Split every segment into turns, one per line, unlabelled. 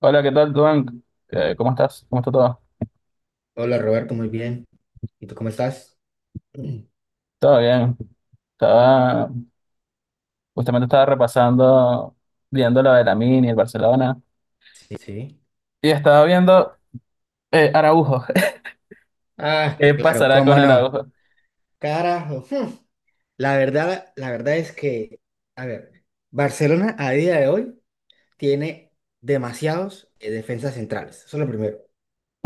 Hola, ¿qué tal, Duan? ¿Cómo estás? ¿Cómo está todo?
Hola Roberto, muy bien. ¿Y tú cómo estás? Mm,
Todo bien. Estaba, justamente estaba repasando, viendo lo de la Mini, el Barcelona,
sí, sí.
y estaba viendo Araujo.
Ah,
¿Qué
claro,
pasará con
cómo no.
Araujo?
Carajo. hmm. La verdad, es que, a ver, Barcelona a día de hoy tiene demasiados defensas centrales. Eso es lo primero.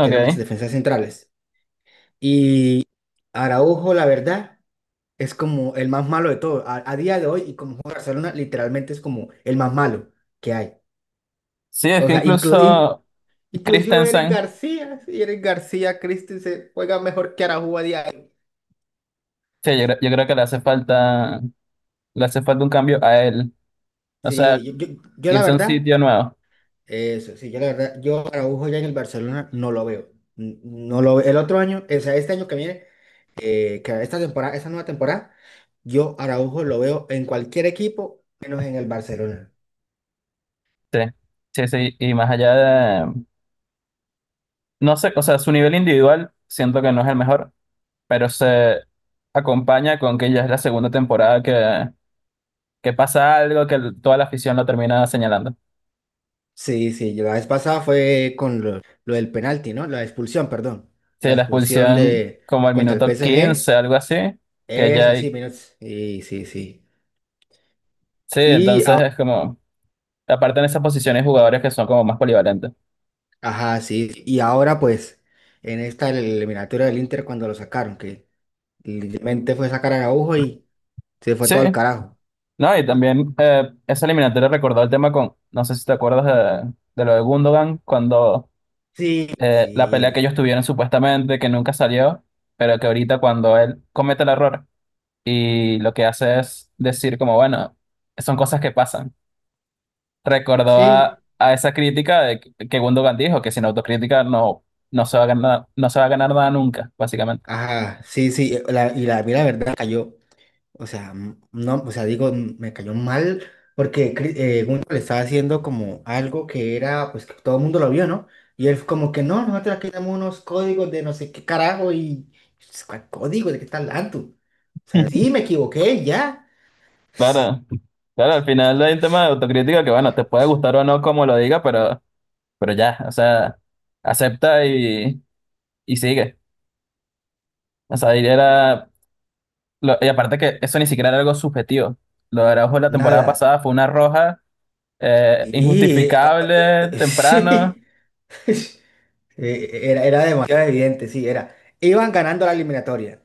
Tiene muchas defensas centrales. Y Araujo, la verdad, es como el más malo de todos. A día de hoy, y como juega Barcelona, literalmente es como el más malo que hay.
Sí, es
O
que
sea, incluso
incluso
incluso Eric
Christensen,
García, sí, Eric García Christensen juega mejor que Araujo a diario.
sí, yo creo que le hace falta un cambio a él. O sea,
Sí, yo la
irse a un
verdad,
sitio nuevo.
eso, sí, yo la verdad, yo Araujo ya en el Barcelona no lo veo. No lo veo. El otro año, o sea, este año que viene, que esta temporada, esta nueva temporada, yo Araujo lo veo en cualquier equipo, menos en el Barcelona.
Sí, sí, sí. Y más allá de, no sé, o sea, su nivel individual siento que no es el mejor, pero se acompaña con que ya es la segunda temporada que pasa algo toda la afición lo termina señalando.
Sí, sí, yo la vez pasada fue con lo del penalti, ¿no? La expulsión, perdón.
Sí,
La
la
expulsión
expulsión
de
como al
Contra el
minuto 15,
PSG.
algo así, que ya
Eso sí,
hay...
menos. Sí, sí, sí.
Sí,
Y,
entonces
a-
es como, aparte en esas posiciones jugadores que son como más polivalentes.
ajá, sí, y ahora pues en esta eliminatoria del Inter cuando lo sacaron, que literalmente fue sacar a Araujo y se fue
Sí,
todo al carajo.
no, y también esa eliminatoria recordó el tema con, no sé si te acuerdas de lo de Gundogan, cuando
Sí,
la pelea que ellos
sí,
tuvieron supuestamente, que nunca salió, pero que ahorita cuando él comete el error y lo que hace es decir como, bueno, son cosas que pasan. Recordó
sí,
a esa crítica de que Gundogan dijo que sin autocrítica no, no se va a ganar, no se va a ganar nada nunca, básicamente.
ajá, sí, sí, y la, a mí la verdad cayó. O sea, no, o sea, digo, me cayó mal porque Gunter le estaba haciendo como algo que era, pues que todo el mundo lo vio, ¿no? Y él como que no, nosotros aquí tenemos unos códigos de no sé qué carajo y pues, ¿cuál código? ¿De qué estás hablando? O sea, sí, me equivoqué, y ya.
Claro, claro, al final hay un tema de autocrítica que, bueno, te puede gustar o no como lo diga, pero ya, o sea, acepta y sigue. O sea, y era, y aparte que eso ni siquiera era algo subjetivo. Lo de Araujo la temporada
Nada.
pasada fue una roja
Y
injustificable, temprano.
sí. Era demasiado evidente, sí, era. Iban ganando la eliminatoria.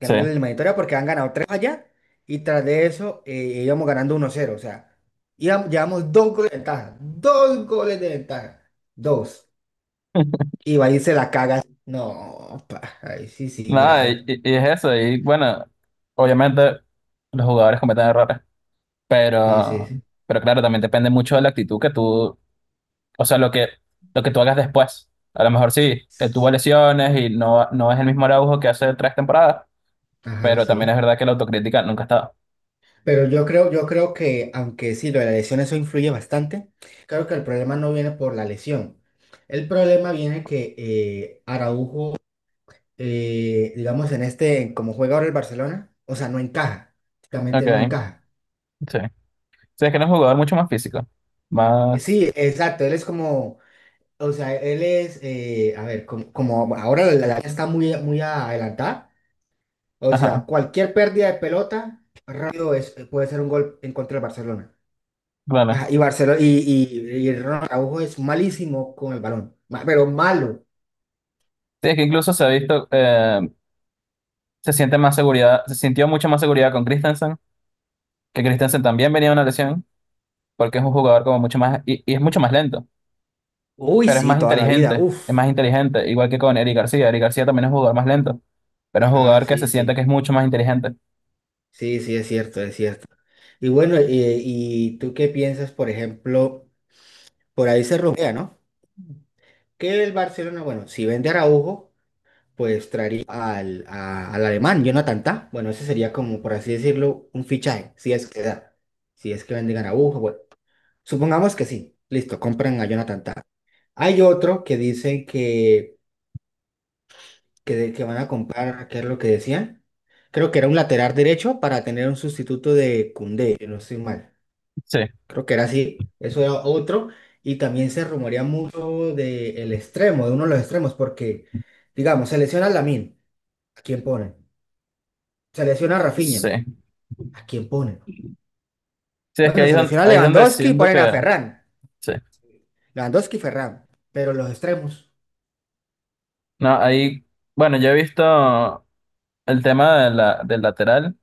Sí.
la eliminatoria porque han ganado tres allá y tras de eso íbamos ganando uno cero. O sea, llevamos dos goles de ventaja. Dos goles de ventaja. Dos. Y va a irse la caga. No, pa, ay, sí, sí,
Nada,
grave.
y es eso. Y bueno, obviamente los jugadores cometen errores,
Sí, sí.
pero, pero claro, también depende mucho de la actitud que tú, o sea, lo que tú hagas después. A lo mejor sí, él tuvo
S-
lesiones y no, no es el mismo Araujo que hace 3 temporadas,
Ajá,
pero también es
sí.
verdad que la autocrítica nunca está.
Pero yo creo, que, aunque sí, lo de la lesión eso influye bastante, creo que el problema no viene por la lesión. El problema viene que Araujo digamos, en este, como juega ahora el Barcelona, o sea, no encaja, prácticamente no
Ok,
encaja.
sí. Sí, es que era un jugador mucho más físico, más...
Sí, exacto, él es como, o sea, él es, a ver, como, como ahora la liga está muy, muy adelantada, o sea,
Ajá,
cualquier pérdida de pelota rápido es, puede ser un gol en contra del Barcelona.
claro.
Ajá, y Barcelona, y Ronald Araujo es malísimo con el balón, pero malo.
Sí, es que incluso se ha visto, se siente más seguridad, se sintió mucho más seguridad con Christensen, que Christensen también venía de una lesión, porque es un jugador como mucho más, y es mucho más lento.
Uy,
Pero
sí, toda la vida, uff.
es más inteligente, igual que con Eric García. Eric García también es un jugador más lento, pero es un
Ajá,
jugador que se
sí,
siente que
sí.
es mucho más inteligente.
Sí, sí, es cierto, es cierto. Y bueno, ¿y tú qué piensas, por ejemplo, por ahí se rumorea, ¿no? Que el Barcelona, bueno, si vende a Araujo, pues traería al alemán, Jonathan Tah. Bueno, ese sería como, por así decirlo, un fichaje, si es que da, si es que venden a Araujo, bueno, supongamos que sí, listo, compran a Jonathan Tah. Hay otro que dicen que, que van a comprar, ¿qué es lo que decían? Creo que era un lateral derecho para tener un sustituto de Koundé, si no estoy mal.
Sí,
Creo que era así, eso era otro. Y también se rumorea mucho del extremo, de uno de los extremos, porque, digamos, se lesiona a Lamine, ¿a quién ponen? Se lesiona a Rafinha,
sí.
¿a quién ponen?
Sí, es que
Bueno, se lesiona a
ahí es donde
Lewandowski y
siento
ponen a
que...
Ferran.
Sí.
Lewandowski y Ferran. Pero los extremos.
No, ahí... Bueno, yo he visto el tema de del lateral,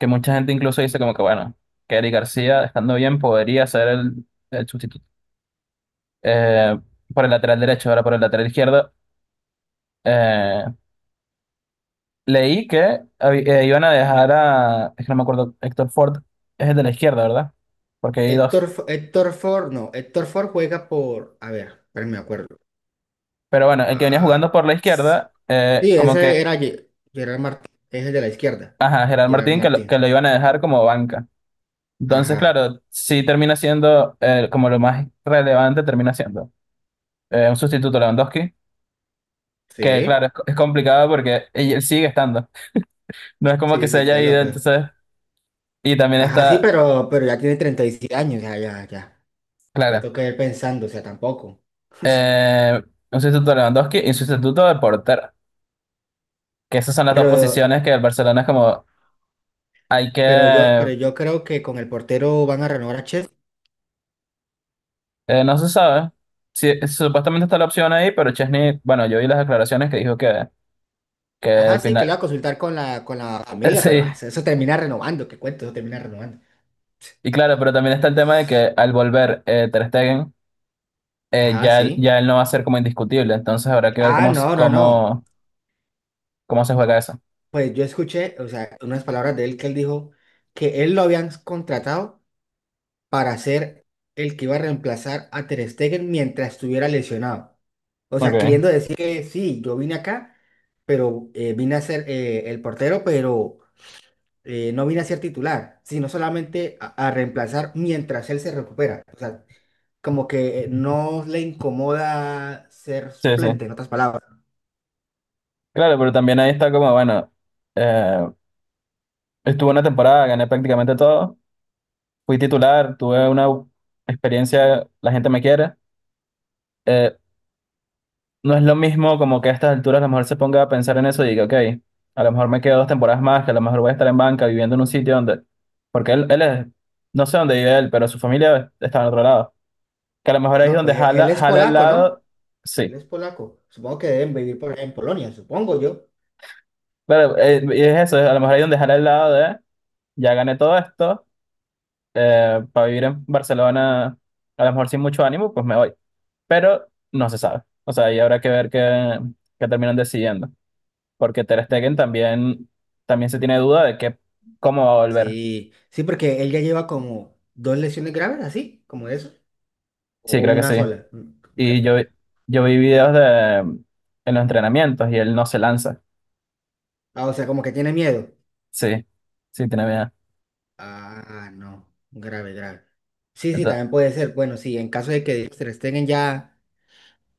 que mucha gente incluso dice como que, bueno, que Eric García, estando bien, podría ser el sustituto. Eh, por el lateral derecho, ahora por el lateral izquierdo. eh, Leí que iban a dejar a... Es que no me acuerdo, Héctor Ford es el de la izquierda, ¿verdad? Porque hay dos.
Héctor Ford, no, Héctor Ford juega por, a ver, espérenme, me acuerdo.
Pero bueno, el que venía
Ah,
jugando por la
s-
izquierda,
sí, ese era Gerard Martín, ese de la izquierda.
ajá, Gerard
Gerard
Martín, que
Martín.
lo iban a dejar como banca. Entonces,
Ajá,
claro, sí termina siendo como lo más relevante, termina siendo un sustituto Lewandowski, que
sí,
claro, es complicado porque él sigue estando. No es como que
sí,
se
sí, que
haya
es la
ido,
peor.
entonces, y también
Ajá, sí,
está,
pero ya tiene 37 años, ya, ya, ya. Ya
claro,
tengo que ir pensando, o sea, tampoco.
eh, un sustituto Lewandowski y un sustituto de portero, que esas son las dos
Pero,
posiciones que el Barcelona es como, hay que...
pero yo creo que con el portero van a renovar a Chef.
No se sabe. Sí, supuestamente está la opción ahí, pero Chesney, bueno, yo vi las declaraciones que dijo que
Ajá,
al
sí, que lo
final.
va a consultar con la familia, pero ah,
Sí,
eso termina renovando, qué cuento, eso termina renovando.
y claro, pero también está el tema de que al volver Ter Stegen,
Ajá, sí.
ya él no va a ser como indiscutible, entonces habrá que ver
Ah, no, no, no.
cómo, cómo se juega eso.
Pues yo escuché, o sea, unas palabras de él que él dijo que él lo habían contratado para ser el que iba a reemplazar a Ter Stegen mientras estuviera lesionado. O sea,
Ok,
queriendo decir que sí, yo vine acá, pero vine a ser el portero, pero no vine a ser titular, sino solamente a reemplazar mientras él se recupera. O sea, como que no le incomoda ser
sí, sí.
suplente, en otras palabras.
Claro, pero también ahí está como, bueno, eh, estuve una temporada, gané prácticamente todo, fui titular, tuve una experiencia, la gente me quiere. No es lo mismo como que a estas alturas a lo mejor se ponga a pensar en eso y diga, ok, a lo mejor me quedo 2 temporadas más, que a lo mejor voy a estar en banca viviendo en un sitio donde, porque él es, no sé dónde vive él, pero su familia está en otro lado, que a lo mejor ahí es
No,
donde
pues él
jala,
es
jala el
polaco, ¿no?
lado,
Él
sí,
es polaco. Supongo que deben vivir por allá en Polonia, supongo yo.
pero y es eso, a lo mejor ahí es donde jala el lado de, ya gané todo esto, para vivir en Barcelona, a lo mejor sin mucho ánimo, pues me voy, pero no se sabe, o sea, ahí habrá que ver qué, qué terminan decidiendo. Porque Ter Stegen también, también se tiene duda de que, cómo va a volver.
Sí, sí, porque él ya lleva como dos lesiones graves, así, como eso,
Sí,
o
creo que
una
sí.
sola.
Y
Me-
yo vi videos de, en los entrenamientos y él no se lanza.
Ah, o sea, como que tiene miedo.
Sí, sí, tiene miedo.
Ah, no, grave, grave. Sí, sí,
Ento-
también puede ser. Bueno, sí, en caso de que Ter Stegen ya,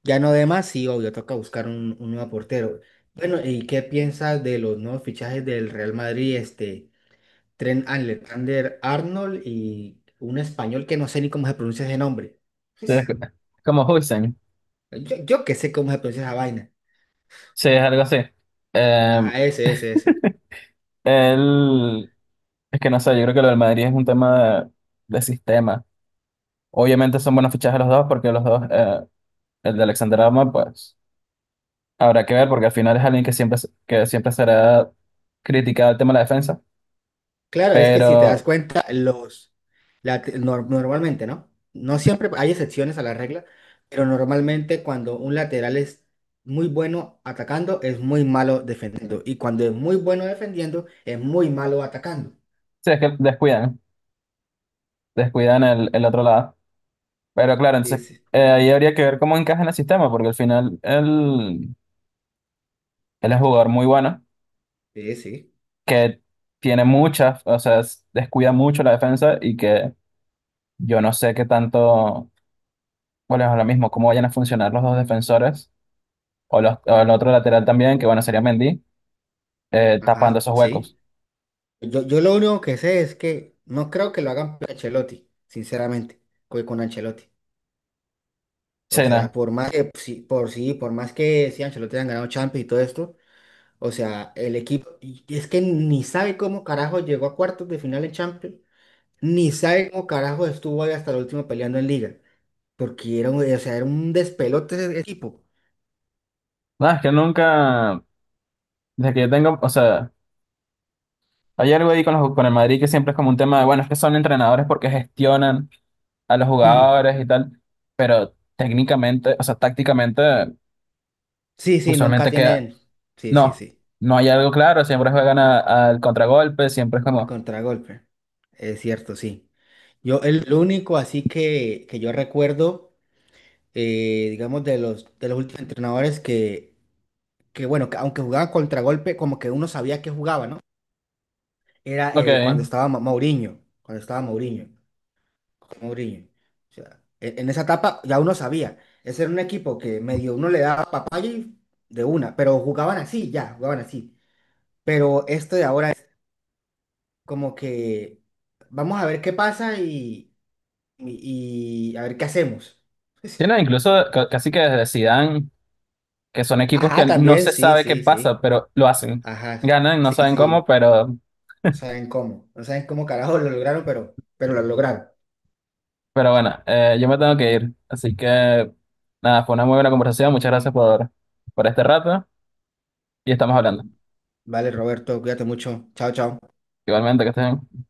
ya no dé más, sí, obvio, toca buscar un nuevo portero. Bueno, ¿y qué piensas de los nuevos fichajes del Real Madrid? Este, Trent Alexander-Arnold y un español que no sé ni cómo se pronuncia ese nombre.
sí, es
Pues,
como Huijsen.
yo que sé cómo se pronuncia esa vaina.
Sí, es algo así. Eh,
Ajá, ese, ese, ese.
Él, es que no sé, yo creo que lo del Madrid es un tema de sistema. Obviamente son buenos fichajes los dos, porque los dos, el de Alexander Arnold, pues habrá que ver, porque al final es alguien que que siempre será criticado el tema de la defensa.
Claro, es que si te das
Pero
cuenta, los, la te- nor- normalmente, ¿no? No siempre hay excepciones a la regla, pero normalmente cuando un lateral es muy bueno atacando, es muy malo defendiendo. Y cuando es muy bueno defendiendo, es muy malo atacando.
sí, es que descuidan, descuidan el otro lado. Pero claro,
Sí,
entonces
sí,
ahí habría que ver cómo encaja en el sistema, porque al final él, él es un jugador muy bueno,
sí, sí.
que tiene muchas, o sea, descuida mucho la defensa y que yo no sé qué tanto, bueno, es lo mismo, cómo vayan a funcionar los dos defensores o, los, o el otro lateral también, que bueno, sería Mendy, tapando
Ajá,
esos huecos.
sí. Yo lo único que sé es que no creo que lo hagan por Ancelotti, sinceramente, con Ancelotti. O
Sí,
sea,
nada,
por más que, sí, por sí, por más que sí, Ancelotti han ganado Champions y todo esto. O sea, el equipo, y es que ni sabe cómo carajo llegó a cuartos de final en Champions, ni sabe cómo carajo estuvo ahí hasta el último peleando en Liga, porque era, o sea, era un despelote ese equipo.
nada, es que nunca, desde que yo tengo, o sea, hay algo ahí con el Madrid que siempre es como un tema de, bueno, es que son entrenadores porque gestionan a los jugadores y tal, pero técnicamente, o sea, tácticamente,
Sí, sí, nunca
usualmente queda,
tienen. Sí, sí,
no,
sí.
no hay algo claro, al contragolpe, siempre es
A
como,
contragolpe. Es cierto, sí. Yo, el lo único así que yo recuerdo, digamos, de los últimos entrenadores que, bueno, que aunque jugaban contragolpe, como que uno sabía que jugaba, ¿no? Era
ok,
cuando estaba Mourinho, cuando estaba Mourinho, con Mourinho. O sea, en esa etapa ya uno sabía, ese era un equipo que medio uno le daba papaya y de una, pero jugaban así, ya, jugaban así. Pero esto de ahora es como que vamos a ver qué pasa y a ver qué hacemos.
tienen incluso casi que desde Zidane, que son equipos que
Ajá,
no
también,
se
sí,
sabe qué
sí,
pasa,
sí.
pero lo hacen,
Ajá,
ganan, no
sí,
saben cómo,
sí. No saben cómo, no saben cómo carajo lo lograron, pero lo lograron.
pero bueno, yo me tengo que ir, así que nada, fue una muy buena conversación, muchas gracias por este rato y estamos hablando.
Vale, Roberto, cuídate mucho. Chao, chao.
Igualmente, que estén.